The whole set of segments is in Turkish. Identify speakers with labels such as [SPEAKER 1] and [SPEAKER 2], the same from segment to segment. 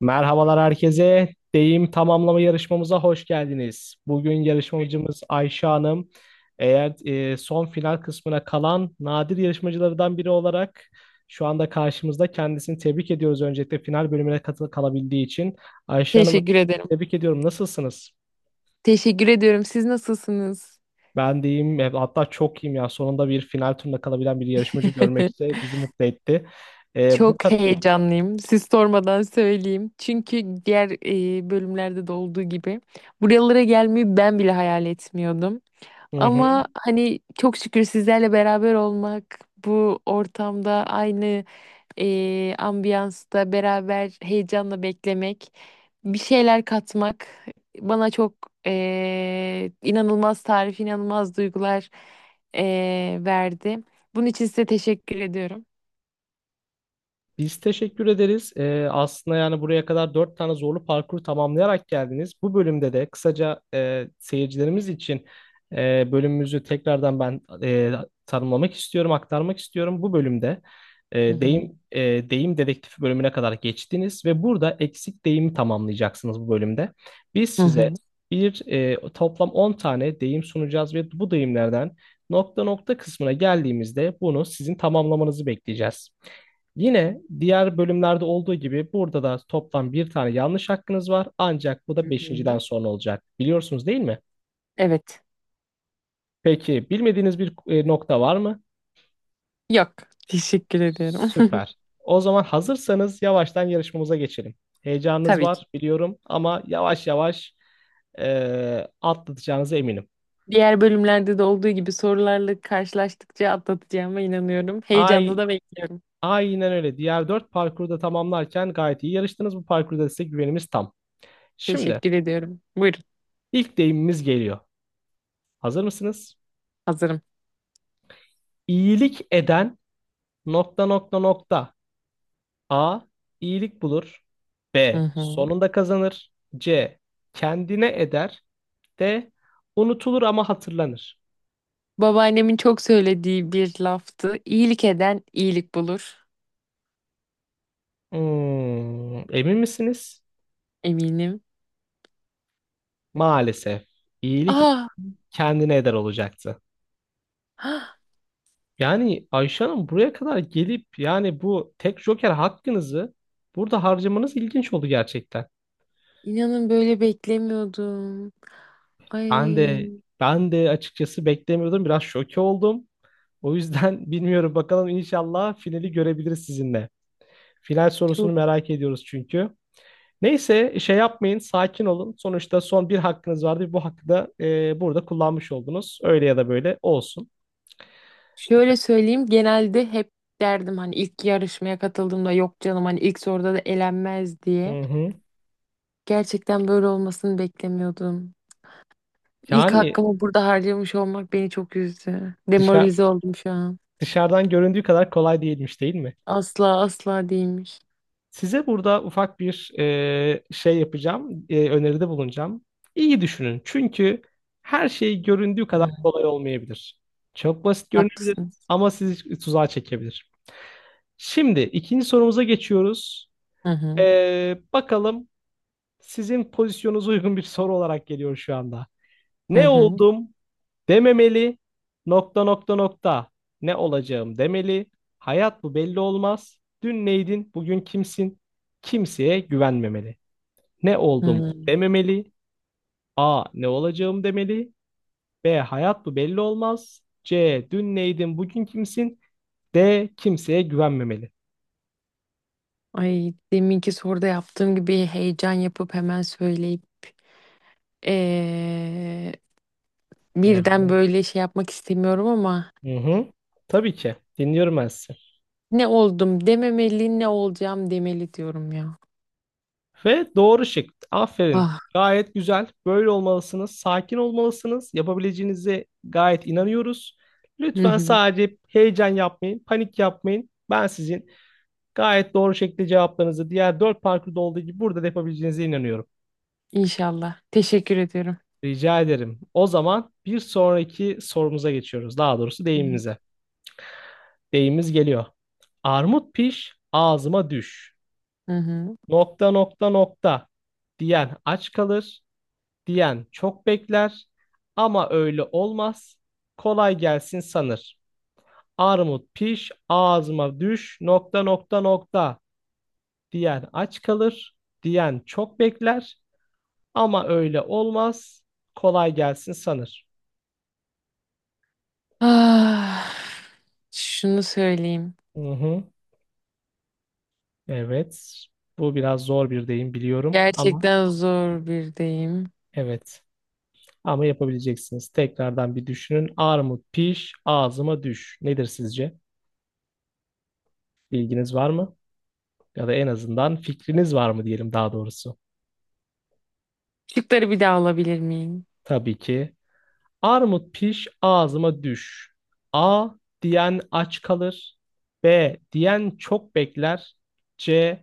[SPEAKER 1] Merhabalar herkese. Deyim tamamlama yarışmamıza hoş geldiniz. Bugün yarışmacımız Ayşe Hanım. Eğer son final kısmına kalan nadir yarışmacılardan biri olarak şu anda karşımızda kendisini tebrik ediyoruz, öncelikle final bölümüne kalabildiği için. Ayşe Hanım,
[SPEAKER 2] Teşekkür ederim.
[SPEAKER 1] tebrik ediyorum. Nasılsınız?
[SPEAKER 2] Teşekkür ediyorum. Siz nasılsınız?
[SPEAKER 1] Ben deyim hatta çok iyiyim ya. Sonunda bir final turuna kalabilen bir yarışmacı görmek de bizi mutlu etti. Bu
[SPEAKER 2] Çok heyecanlıyım. Siz sormadan söyleyeyim. Çünkü diğer bölümlerde de olduğu gibi buralara gelmeyi ben bile hayal etmiyordum.
[SPEAKER 1] kadar.
[SPEAKER 2] Ama hani çok şükür sizlerle beraber olmak, bu ortamda aynı ambiyansta beraber heyecanla beklemek, bir şeyler katmak bana çok inanılmaz tarif, inanılmaz duygular verdi. Bunun için size teşekkür ediyorum.
[SPEAKER 1] Biz teşekkür ederiz. Aslında yani buraya kadar dört tane zorlu parkuru tamamlayarak geldiniz. Bu bölümde de kısaca seyircilerimiz için bölümümüzü tekrardan ben tanımlamak istiyorum, aktarmak istiyorum. Bu bölümde
[SPEAKER 2] Hı hı.
[SPEAKER 1] deyim dedektifi bölümüne kadar geçtiniz ve burada eksik deyimi tamamlayacaksınız bu bölümde. Biz
[SPEAKER 2] Hı
[SPEAKER 1] size
[SPEAKER 2] hı.
[SPEAKER 1] bir toplam 10 tane deyim sunacağız ve bu deyimlerden nokta nokta kısmına geldiğimizde bunu sizin tamamlamanızı bekleyeceğiz. Yine diğer bölümlerde olduğu gibi burada da toplam bir tane yanlış hakkınız var. Ancak bu
[SPEAKER 2] Hı
[SPEAKER 1] da beşinciden
[SPEAKER 2] hı.
[SPEAKER 1] sonra olacak. Biliyorsunuz, değil mi?
[SPEAKER 2] Evet.
[SPEAKER 1] Peki, bilmediğiniz bir nokta var mı?
[SPEAKER 2] Yok. Teşekkür ediyorum.
[SPEAKER 1] Süper. O zaman hazırsanız yavaştan yarışmamıza geçelim. Heyecanınız
[SPEAKER 2] Tabii ki.
[SPEAKER 1] var biliyorum ama yavaş yavaş atlatacağınıza eminim.
[SPEAKER 2] Diğer bölümlerde de olduğu gibi sorularla karşılaştıkça atlatacağıma inanıyorum. Heyecanla
[SPEAKER 1] Ay,
[SPEAKER 2] da bekliyorum.
[SPEAKER 1] aynen öyle. Diğer dört parkuru da tamamlarken gayet iyi yarıştınız. Bu parkurda size güvenimiz tam. Şimdi
[SPEAKER 2] Teşekkür ediyorum. Buyurun.
[SPEAKER 1] ilk deyimimiz geliyor. Hazır mısınız?
[SPEAKER 2] Hazırım.
[SPEAKER 1] İyilik eden, nokta nokta nokta. A, iyilik bulur.
[SPEAKER 2] Hı
[SPEAKER 1] B,
[SPEAKER 2] hı.
[SPEAKER 1] sonunda kazanır. C, kendine eder. D, unutulur ama hatırlanır.
[SPEAKER 2] Babaannemin çok söylediği bir laftı. İyilik eden iyilik bulur.
[SPEAKER 1] Hmm, emin misiniz?
[SPEAKER 2] Eminim.
[SPEAKER 1] Maalesef. İyilik
[SPEAKER 2] Ah,
[SPEAKER 1] kendine eder olacaktı.
[SPEAKER 2] ah,
[SPEAKER 1] Yani Ayşe Hanım, buraya kadar gelip yani bu tek joker hakkınızı burada harcamanız ilginç oldu gerçekten.
[SPEAKER 2] inanın böyle beklemiyordum. Ay
[SPEAKER 1] Ben de ben de açıkçası beklemiyordum. Biraz şoke oldum. O yüzden bilmiyorum, bakalım, inşallah finali görebiliriz sizinle. Final sorusunu
[SPEAKER 2] çok.
[SPEAKER 1] merak ediyoruz çünkü. Neyse, şey yapmayın, sakin olun. Sonuçta son bir hakkınız vardı. Bu hakkı da burada kullanmış oldunuz. Öyle ya da böyle olsun.
[SPEAKER 2] Şöyle söyleyeyim, genelde hep derdim hani, ilk yarışmaya katıldığımda, yok canım hani ilk soruda da elenmez diye.
[SPEAKER 1] Hı hı.
[SPEAKER 2] Gerçekten böyle olmasını beklemiyordum. İlk
[SPEAKER 1] Yani
[SPEAKER 2] hakkımı burada harcamış olmak beni çok üzdü.
[SPEAKER 1] dışa-
[SPEAKER 2] Demoralize oldum şu an.
[SPEAKER 1] dışarıdan göründüğü kadar kolay değilmiş, değil mi?
[SPEAKER 2] Asla asla değilmiş.
[SPEAKER 1] Size burada ufak bir şey yapacağım. Öneride bulunacağım. İyi düşünün. Çünkü her şey göründüğü
[SPEAKER 2] Hı,
[SPEAKER 1] kadar kolay olmayabilir. Çok basit görünebilir
[SPEAKER 2] haklısınız.
[SPEAKER 1] ama sizi tuzağa çekebilir. Şimdi ikinci sorumuza geçiyoruz.
[SPEAKER 2] Hı hı.
[SPEAKER 1] Bakalım, sizin pozisyonunuza uygun bir soru olarak geliyor şu anda.
[SPEAKER 2] Hı
[SPEAKER 1] Ne
[SPEAKER 2] hı.
[SPEAKER 1] oldum dememeli, nokta nokta nokta. Ne olacağım demeli. Hayat bu, belli olmaz. Dün neydin, bugün kimsin? Kimseye güvenmemeli. Ne oldum
[SPEAKER 2] Hı.
[SPEAKER 1] dememeli. A. Ne olacağım demeli. B. Hayat bu, belli olmaz. C. Dün neydin, bugün kimsin? D. Kimseye güvenmemeli.
[SPEAKER 2] Ay, deminki soruda yaptığım gibi heyecan yapıp hemen söyleyip eee,
[SPEAKER 1] Evet.
[SPEAKER 2] birden böyle şey yapmak istemiyorum ama
[SPEAKER 1] Hı hı. Tabii ki. Dinliyorum ben sizi.
[SPEAKER 2] ne oldum dememeli, ne olacağım demeli diyorum ya.
[SPEAKER 1] Ve doğru şık. Aferin.
[SPEAKER 2] Ah,
[SPEAKER 1] Gayet güzel. Böyle olmalısınız. Sakin olmalısınız. Yapabileceğinize gayet inanıyoruz.
[SPEAKER 2] hı
[SPEAKER 1] Lütfen
[SPEAKER 2] hı.
[SPEAKER 1] sadece heyecan yapmayın, panik yapmayın. Ben sizin gayet doğru şekilde cevaplarınızı diğer dört parkurda olduğu gibi burada da yapabileceğinize inanıyorum.
[SPEAKER 2] İnşallah. Teşekkür ediyorum.
[SPEAKER 1] Rica ederim. O zaman bir sonraki sorumuza geçiyoruz. Daha doğrusu
[SPEAKER 2] Hı hı.
[SPEAKER 1] deyimimize. Deyimimiz geliyor. Armut piş, ağzıma düş,
[SPEAKER 2] Hı.
[SPEAKER 1] nokta nokta nokta, diyen aç kalır, diyen çok bekler ama öyle olmaz. Kolay gelsin sanır. Armut piş, ağzıma düş, nokta nokta nokta, diyen aç kalır, diyen çok bekler ama öyle olmaz. Kolay gelsin sanır.
[SPEAKER 2] Ah, şunu söyleyeyim.
[SPEAKER 1] Hı hı. Evet. Bu biraz zor bir deyim biliyorum ama
[SPEAKER 2] Gerçekten zor bir deyim.
[SPEAKER 1] evet. Ama yapabileceksiniz. Tekrardan bir düşünün. Armut piş, ağzıma düş. Nedir sizce? Bilginiz var mı? Ya da en azından fikriniz var mı diyelim, daha doğrusu.
[SPEAKER 2] Şıkları bir daha alabilir miyim?
[SPEAKER 1] Tabii ki. Armut piş ağzıma düş. A, diyen aç kalır. B, diyen çok bekler. C,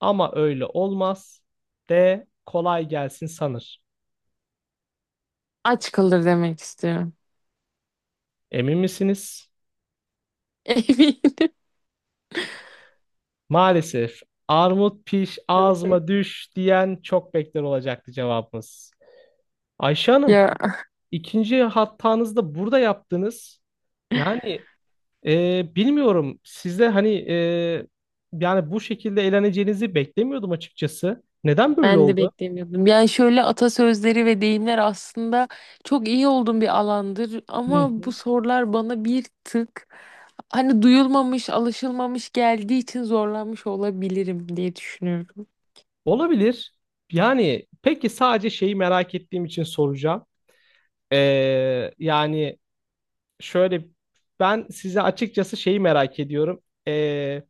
[SPEAKER 1] ama öyle olmaz. D, kolay gelsin sanır.
[SPEAKER 2] Aç kalır demek istiyorum.
[SPEAKER 1] Emin misiniz?
[SPEAKER 2] Eminim.
[SPEAKER 1] Maalesef, armut piş ağzıma düş diyen çok bekler olacaktı cevabımız. Ayşe Hanım,
[SPEAKER 2] Ya.
[SPEAKER 1] ikinci hatanızı da burada yaptınız. Yani bilmiyorum. Sizde hani yani bu şekilde eğleneceğinizi beklemiyordum açıkçası. Neden böyle
[SPEAKER 2] Ben de
[SPEAKER 1] oldu?
[SPEAKER 2] beklemiyordum. Yani şöyle, atasözleri ve deyimler aslında çok iyi olduğum bir alandır,
[SPEAKER 1] Hı
[SPEAKER 2] ama bu
[SPEAKER 1] hı.
[SPEAKER 2] sorular bana bir tık hani duyulmamış, alışılmamış geldiği için zorlanmış olabilirim diye düşünüyorum.
[SPEAKER 1] Olabilir. Yani, peki, sadece şeyi merak ettiğim için soracağım. Yani şöyle, ben size açıkçası şeyi merak ediyorum. Ee,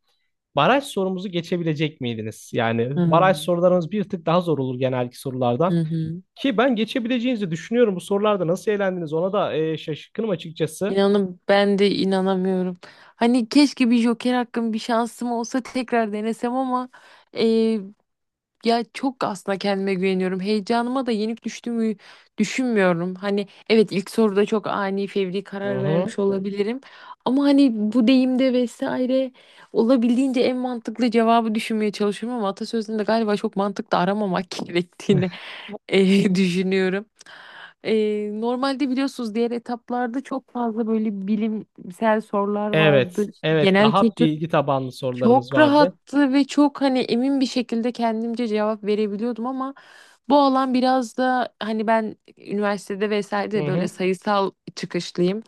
[SPEAKER 1] baraj sorumuzu geçebilecek miydiniz? Yani baraj
[SPEAKER 2] Hmm.
[SPEAKER 1] sorularımız bir tık daha zor olur genelki sorulardan.
[SPEAKER 2] Hı hı.
[SPEAKER 1] Ki ben geçebileceğinizi düşünüyorum. Bu sorularda nasıl eğlendiniz, ona da şaşkınım açıkçası.
[SPEAKER 2] İnanın ben de inanamıyorum. Hani keşke bir joker hakkım, bir şansım olsa tekrar denesem ama, ya çok aslında kendime güveniyorum. Heyecanıma da yenik düştüğümü düşünmüyorum. Hani evet, ilk soruda çok ani fevri
[SPEAKER 1] Hı
[SPEAKER 2] karar
[SPEAKER 1] hı.
[SPEAKER 2] vermiş olabilirim. Ama hani bu deyimde vesaire olabildiğince en mantıklı cevabı düşünmeye çalışıyorum, ama atasözünde galiba çok mantıklı aramamak gerektiğini düşünüyorum. Normalde biliyorsunuz, diğer etaplarda çok fazla böyle bilimsel sorular
[SPEAKER 1] Evet,
[SPEAKER 2] vardı. İşte
[SPEAKER 1] evet.
[SPEAKER 2] genel
[SPEAKER 1] Daha
[SPEAKER 2] kültür
[SPEAKER 1] bilgi tabanlı sorularımız
[SPEAKER 2] çok
[SPEAKER 1] vardı.
[SPEAKER 2] rahattı ve çok hani emin bir şekilde kendimce cevap verebiliyordum, ama bu alan biraz da hani, ben üniversitede vesaire de
[SPEAKER 1] Hı
[SPEAKER 2] böyle
[SPEAKER 1] hı,
[SPEAKER 2] sayısal çıkışlıyım.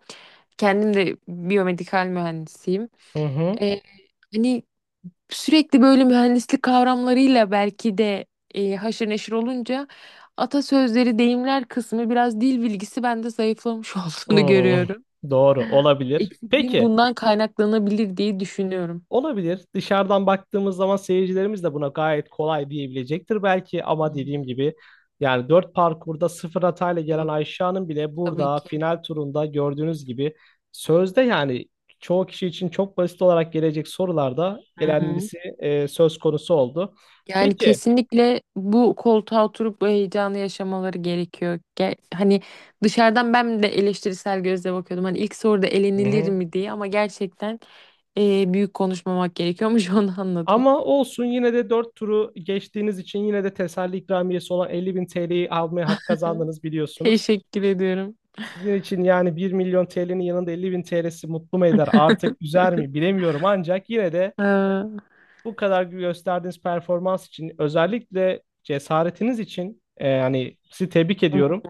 [SPEAKER 2] Kendim de biyomedikal mühendisiyim.
[SPEAKER 1] hı hı.
[SPEAKER 2] Ee, hani sürekli böyle mühendislik kavramlarıyla belki de haşır neşir olunca atasözleri, deyimler kısmı, biraz dil bilgisi bende zayıflamış olduğunu
[SPEAKER 1] Hı.
[SPEAKER 2] görüyorum.
[SPEAKER 1] Doğru, olabilir.
[SPEAKER 2] Eksikliğim
[SPEAKER 1] Peki,
[SPEAKER 2] bundan kaynaklanabilir diye düşünüyorum.
[SPEAKER 1] olabilir. Dışarıdan baktığımız zaman seyircilerimiz de buna gayet kolay diyebilecektir belki
[SPEAKER 2] Hı
[SPEAKER 1] ama
[SPEAKER 2] hı.
[SPEAKER 1] dediğim gibi, yani 4 parkurda sıfır hatayla gelen
[SPEAKER 2] Yok
[SPEAKER 1] Ayşe Hanım bile
[SPEAKER 2] tabii
[SPEAKER 1] burada
[SPEAKER 2] ki.
[SPEAKER 1] final turunda gördüğünüz gibi sözde yani çoğu kişi için çok basit olarak gelecek sorularda
[SPEAKER 2] Hı hı.
[SPEAKER 1] elenmesi söz konusu oldu.
[SPEAKER 2] Yani
[SPEAKER 1] Peki.
[SPEAKER 2] kesinlikle bu koltuğa oturup bu heyecanı yaşamaları gerekiyor. Hani dışarıdan ben de eleştirisel gözle bakıyordum. Hani ilk soruda
[SPEAKER 1] Hı
[SPEAKER 2] elenilir
[SPEAKER 1] hı.
[SPEAKER 2] mi diye, ama gerçekten büyük konuşmamak gerekiyormuş, onu anladım.
[SPEAKER 1] Ama olsun, yine de 4 turu geçtiğiniz için yine de teselli ikramiyesi olan 50 bin TL'yi almaya hak kazandınız, biliyorsunuz.
[SPEAKER 2] Teşekkür ediyorum.
[SPEAKER 1] Sizin için yani bir milyon TL'nin yanında 50 bin TL'si mutlu mu eder artık, üzer mi, bilemiyorum. Ancak yine de
[SPEAKER 2] Aa,
[SPEAKER 1] bu kadar gösterdiğiniz performans için, özellikle cesaretiniz için yani sizi tebrik ediyorum.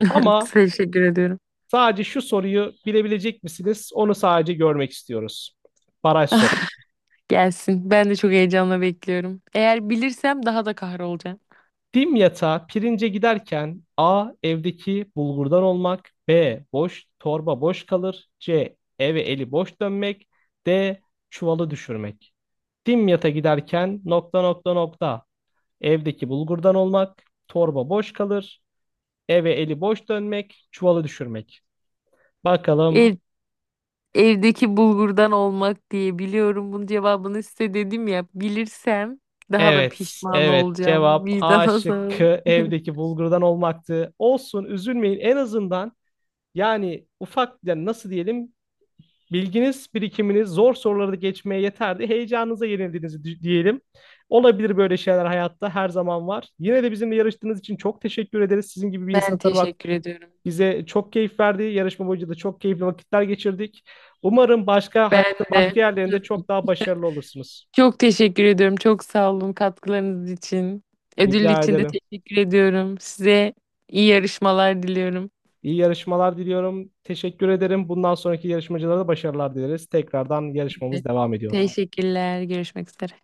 [SPEAKER 1] Ama
[SPEAKER 2] teşekkür ediyorum.
[SPEAKER 1] sadece şu soruyu bilebilecek misiniz? Onu sadece görmek istiyoruz. Baraj.
[SPEAKER 2] Gelsin. Ben de çok heyecanla bekliyorum. Eğer bilirsem daha da kahrolacağım.
[SPEAKER 1] Dim yatağa pirince giderken: A. Evdeki bulgurdan olmak. B. Boş torba boş kalır. C. Eve eli boş dönmek. D. Çuvalı düşürmek. Dim yata giderken, nokta nokta nokta. Evdeki bulgurdan olmak. Torba boş kalır. Eve eli boş dönmek. Çuvalı düşürmek. Bakalım.
[SPEAKER 2] E, Evdeki bulgurdan olmak diye biliyorum. Bunun cevabını size dedim ya, bilirsem daha da
[SPEAKER 1] Evet,
[SPEAKER 2] pişman
[SPEAKER 1] evet.
[SPEAKER 2] olacağım.
[SPEAKER 1] Cevap
[SPEAKER 2] Vicdan
[SPEAKER 1] A
[SPEAKER 2] azabı.
[SPEAKER 1] şıkkı, evdeki bulgurdan olmaktı. Olsun, üzülmeyin. En azından yani ufak, yani nasıl diyelim, bilginiz, birikiminiz zor soruları geçmeye yeterdi. Heyecanınıza yenildiğinizi diyelim. Olabilir, böyle şeyler hayatta her zaman var. Yine de bizimle yarıştığınız için çok teşekkür ederiz. Sizin gibi bir
[SPEAKER 2] Ben
[SPEAKER 1] insanı tanımak
[SPEAKER 2] teşekkür ediyorum.
[SPEAKER 1] bize çok keyif verdi. Yarışma boyunca da çok keyifli vakitler geçirdik. Umarım başka
[SPEAKER 2] Ben
[SPEAKER 1] hayatta
[SPEAKER 2] de.
[SPEAKER 1] başka yerlerinde çok daha başarılı olursunuz.
[SPEAKER 2] Çok teşekkür ediyorum. Çok sağ olun katkılarınız için. Ödül
[SPEAKER 1] Rica
[SPEAKER 2] için de
[SPEAKER 1] ederim.
[SPEAKER 2] teşekkür ediyorum. Size iyi yarışmalar diliyorum.
[SPEAKER 1] İyi yarışmalar diliyorum. Teşekkür ederim. Bundan sonraki yarışmacılara da başarılar dileriz. Tekrardan yarışmamız
[SPEAKER 2] Evet.
[SPEAKER 1] devam ediyor.
[SPEAKER 2] Teşekkürler. Görüşmek üzere.